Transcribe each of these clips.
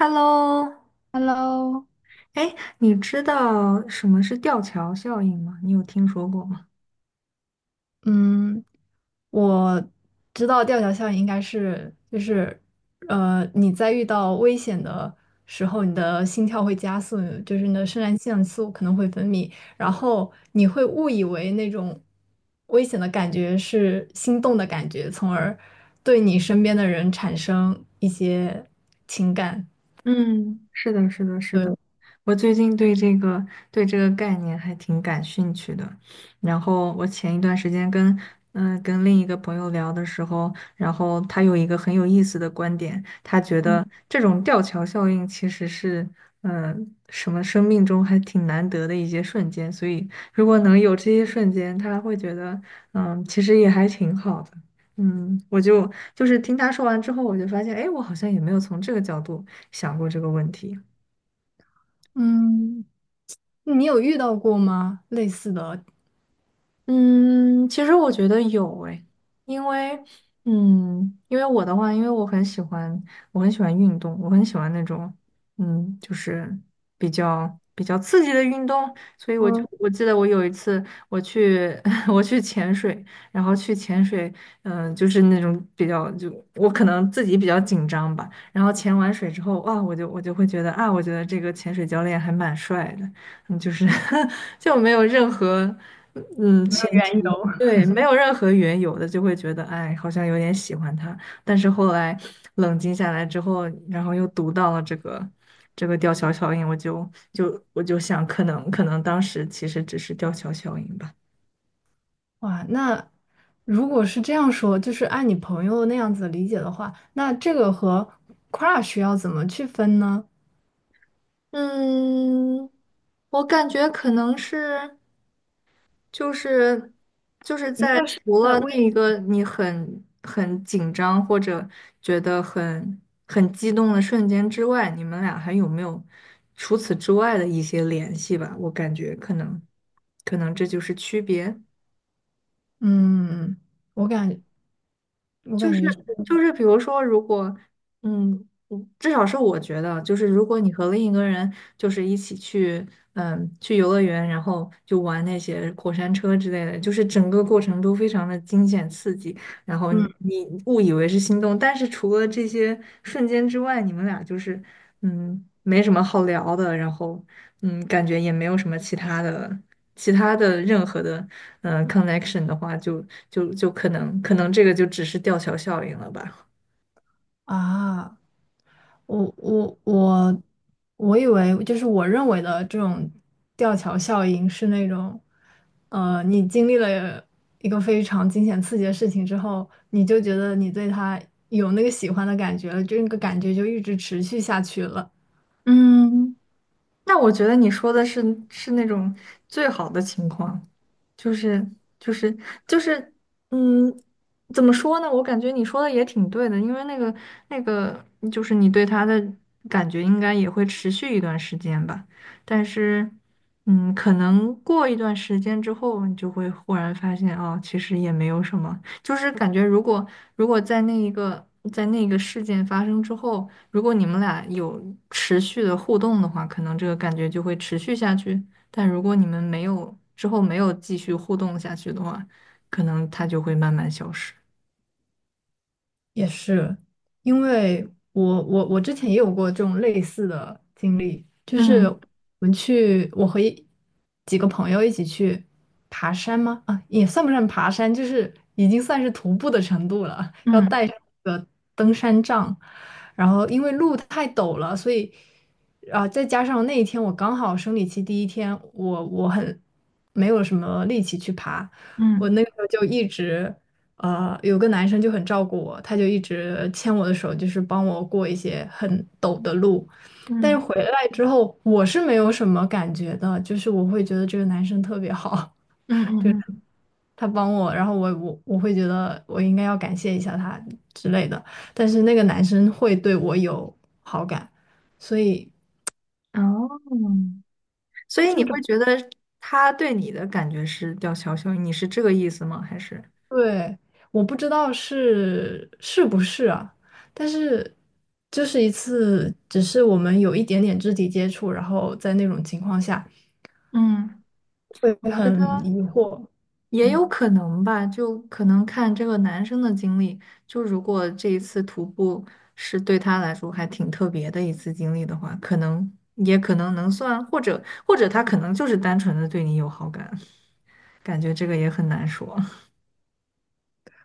Hello，Hello，哎，你知道什么是吊桥效应吗？你有听说过吗？嗯，我知道吊桥效应应该是就是，你在遇到危险的时候，你的心跳会加速，就是你的肾上腺素可能会分泌，然后你会误以为那种危险的感觉是心动的感觉，从而对你身边的人产生一些情感。嗯，是的，是的，是的。对，我最近对这个概念还挺感兴趣的。然后我前一段时间跟跟另一个朋友聊的时候，然后他有一个很有意思的观点，他觉嗯，得这种吊桥效应其实是嗯、呃什么生命中还挺难得的一些瞬间，所以如果能有这些瞬间，他会觉得其实也还挺好的。嗯，我就听他说完之后，我就发现，哎，我好像也没有从这个角度想过这个问题。嗯，你有遇到过吗？类似的？嗯，其实我觉得有诶，因为，嗯，因为我的话，因为我很喜欢运动，我很喜欢那种，嗯，就是比较刺激的运动，所以嗯，我记得我有一次我去 我去潜水，然后去潜水，就是那种比较我可能自己比较紧张吧，然后潜完水之后，哇，我就会觉得啊，我觉得这个潜水教练还蛮帅的，嗯，就是 就没有任何。嗯，没前有缘由。提，对，没有任何缘由的就会觉得，哎，好像有点喜欢他。但是后来冷静下来之后，然后又读到了这个吊桥效应，我就想，可能当时其实只是吊桥效应吧。哇，那如果是这样说，就是按你朋友那样子理解的话，那这个和 crush 要怎么去分呢？嗯，我感觉可能是。就是就是一在个是除在了微，那一个你很紧张或者觉得很激动的瞬间之外，你们俩还有没有除此之外的一些联系吧？我感觉可能这就是区别。嗯，我感我就感是觉是，就是，比如说，如果嗯至少是我觉得，就是如果你和另一个人就是一起去，嗯，去游乐园，然后就玩那些过山车之类的，就是整个过程都非常的惊险刺激，然后嗯你误以为是心动，但是除了这些瞬间之外，你们俩就是嗯，没什么好聊的，然后嗯，感觉也没有什么其他的，其他的任何的connection 的话就，可能这个就只是吊桥效应了吧。啊，我我我我以为就是我认为的这种吊桥效应是那种，你经历了一个非常惊险刺激的事情之后，你就觉得你对他有那个喜欢的感觉了，就那个感觉就一直持续下去了。嗯，那我觉得你说的是是那种最好的情况。就是就是就是，嗯，怎么说呢？我感觉你说的也挺对的，因为那个，就是你对他的感觉应该也会持续一段时间吧。但是，嗯，可能过一段时间之后，你就会忽然发现，哦，其实也没有什么。就是感觉，如果在那一个那个事件发生之后，如果你们俩有持续的互动的话，可能这个感觉就会持续下去。但如果你们没有之后没有继续互动下去的话，可能它就会慢慢消失。也是，因为我之前也有过这种类似的经历，就是嗯我们去，我和几个朋友一起去爬山吗？啊，也算不上爬山，就是已经算是徒步的程度了，要嗯带上那个登山杖，然后因为路太陡了，所以啊，再加上那一天我刚好生理期第一天，我很没有什么力气去爬。我嗯那个时候就一直有个男生就很照顾我，他就一直牵我的手，就是帮我过一些很陡的路。但是嗯回来之后，我是没有什么感觉的，就是我会觉得这个男生特别好，嗯 就是嗯他帮我，然后我会觉得我应该要感谢一下他之类的。但是那个男生会对我有好感，所以。嗯，哦，所以你这会种。觉得他对你的感觉是吊桥效应，你是这个意思吗？还是？对，我不知道是不是啊，但是就是一次，只是我们有一点点肢体接触，然后在那种情况下嗯，会我觉很得。疑惑，也嗯，有可能吧，就可能看这个男生的经历。就如果这一次徒步是对他来说还挺特别的一次经历的话，可能也可能能算，或者他可能就是单纯的对你有好感，感觉这个也很难说。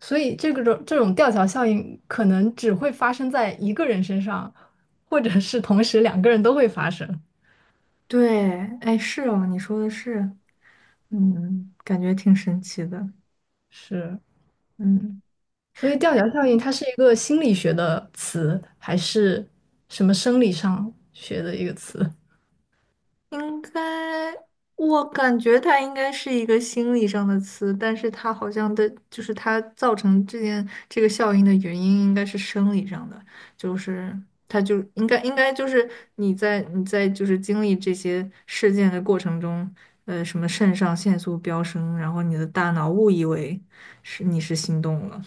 所以这个种这种吊桥效应可能只会发生在一个人身上，或者是同时两个人都会发生，对，哎，是哦，你说的是，嗯，感觉挺神奇的，是，嗯。所以吊桥效应它是一个心理学的词，还是什么生理上学的一个词？应该，我感觉它应该是一个心理上的词，但是它好像的，就是它造成这个效应的原因应该是生理上的，就是它就应该就是你在就是经历这些事件的过程中，呃，什么肾上腺素飙升，然后你的大脑误以为是你是心动了，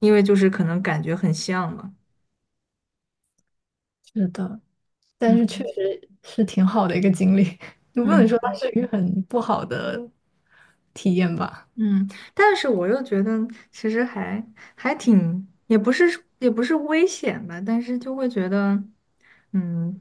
因为就是可能感觉很像嘛，是的。但是确嗯实是挺好的一个经历，你不能说它嗯。是一个很不好的体验吧？嗯，但是我又觉得其实还挺，也不是危险吧，但是就会觉得，嗯，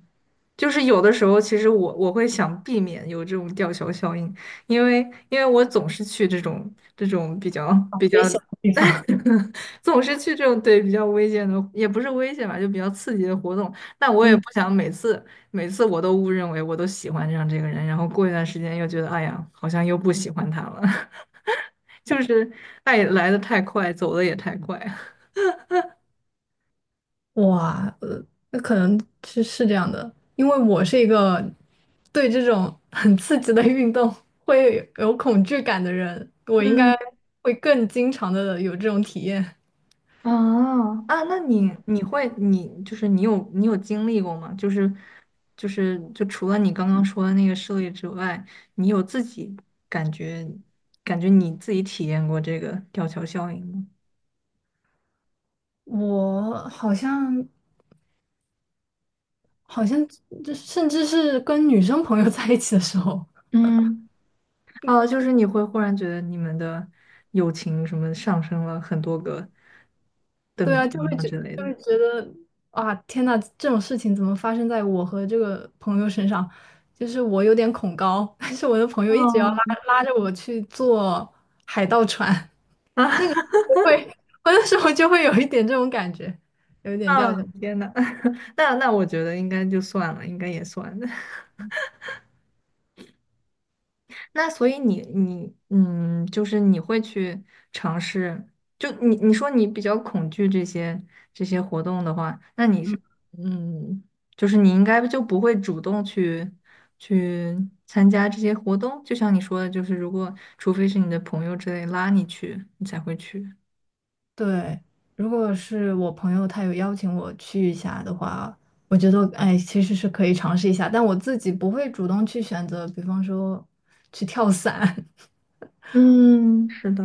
就是有的时候其实我会想避免有这种吊桥效应，因为因为我总是去这种比较啊，比较，危险的地方，总是去这种对比较危险的，也不是危险吧，就比较刺激的活动，那我也不嗯，想每次我都误认为我都喜欢上这个人，然后过一段时间又觉得，哎呀，好像又不喜欢他了。就是爱来的太快，走的也太快。哇，那可能是这样的，因为我是一个对这种 很刺激的运动会有恐惧感的人，我应该嗯，会更经常的有这种体验。哦，啊，那你就是你有经历过吗？就除了你刚刚说的那个事例之外，你有自己感觉感觉你自己体验过这个吊桥效应吗？我好像，这甚至是跟女生朋友在一起的时候。嗯，哦，就是你会忽然觉得你们的友情什么上升了很多个对等啊，级就会吗觉之类的？就会觉得啊，天呐，这种事情怎么发生在我和这个朋友身上？就是我有点恐高，但是我的朋友一直要拉哦，拉着我去坐海盗船，啊，我会，我那时候就会有一点这种感觉，有一点啊，掉下来。天呐，那我觉得应该就算了，应该也算。那所以你就是你会去尝试，就你说你比较恐惧这些活动的话，那你是嗯，就是你应该就不会主动去参加这些活动，就像你说的，就是如果除非是你的朋友之类拉你去，你才会去。对，如果是我朋友他有邀请我去一下的话，我觉得哎，其实是可以尝试一下，但我自己不会主动去选择，比方说去跳伞。嗯，是的，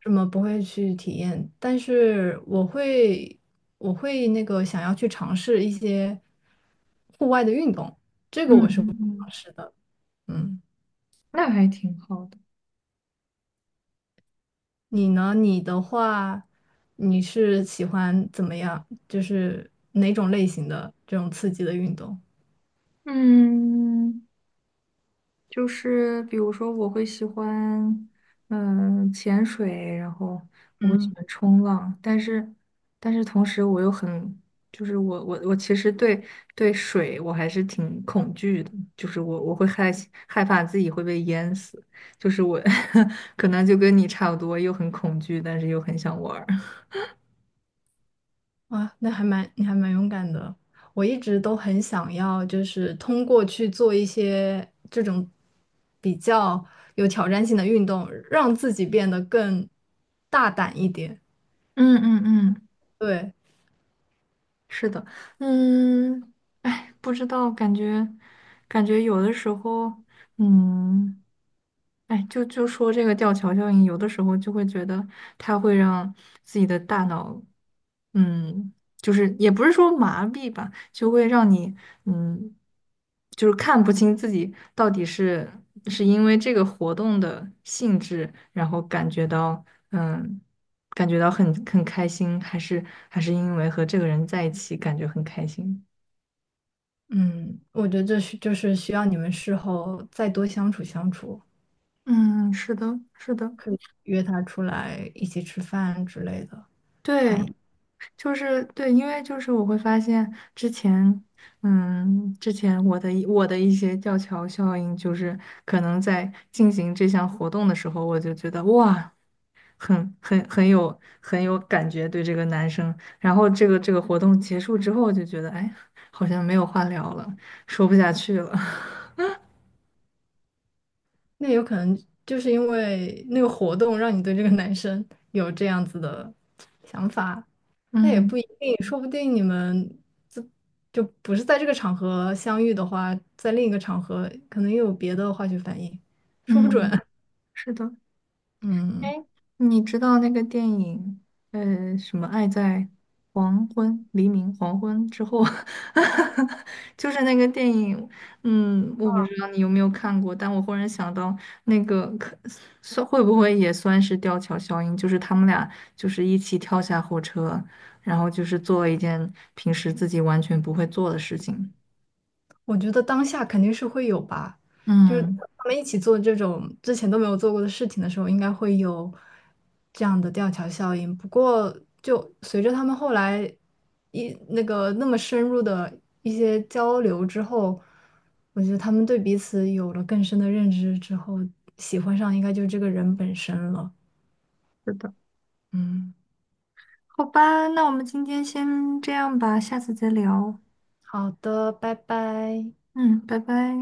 什么不会去体验，但是我会那个想要去尝试一些户外的运动，这个嗯我是会嗯尝嗯，试的。嗯，那还挺好的。你呢？你的话，你是喜欢怎么样？就是哪种类型的这种刺激的运动？嗯。就是比如说，我会喜欢嗯潜水，然后我会喜嗯。欢冲浪，但是同时我又很就是我其实对对水我还是挺恐惧的，就是我会害怕自己会被淹死，就是我 可能就跟你差不多，又很恐惧，但是又很想玩儿。啊，那还蛮，你还蛮勇敢的。我一直都很想要，就是通过去做一些这种比较有挑战性的运动，让自己变得更大胆一点。嗯嗯嗯，对，是的，嗯，哎，不知道，感觉有的时候，嗯。哎，就说这个吊桥效应，有的时候就会觉得它会让自己的大脑，嗯，就是也不是说麻痹吧，就会让你，嗯，就是看不清自己到底是因为这个活动的性质，然后感觉到，嗯，感觉到很开心，还是因为和这个人在一起感觉很开心。嗯，我觉得这是就是需要你们事后再多相处相处，嗯，是的，是的，可以约他出来一起吃饭之类的。对。就是对，因为就是我会发现之前，嗯，之前我的一些吊桥效应，就是可能在进行这项活动的时候，我就觉得哇，很有感觉对这个男生。然后这个活动结束之后，就觉得哎，好像没有话聊了，说不下去了。那有可能就是因为那个活动让你对这个男生有这样子的想法。那也不嗯一定，说不定你们就就不是在这个场合相遇的话，在另一个场合可能又有别的化学反应，说不准。嗯，是的。哎，嗯，你知道那个电影，呃，什么《爱在黄昏、黎明、黄昏之后》就是那个电影，嗯，我不知道你有没有看过，但我忽然想到，那个可算会不会也算是吊桥效应，就是他们俩就是一起跳下火车，然后就是做了一件平时自己完全不会做的事情。我觉得当下肯定是会有吧，就是嗯，他们一起做这种之前都没有做过的事情的时候，应该会有这样的吊桥效应。不过，就随着他们后来一那个那么深入的一些交流之后，我觉得他们对彼此有了更深的认知之后，喜欢上应该就是这个人本身了。是的。嗯，好吧，那我们今天先这样吧，下次再聊。好的，拜拜。嗯，拜拜。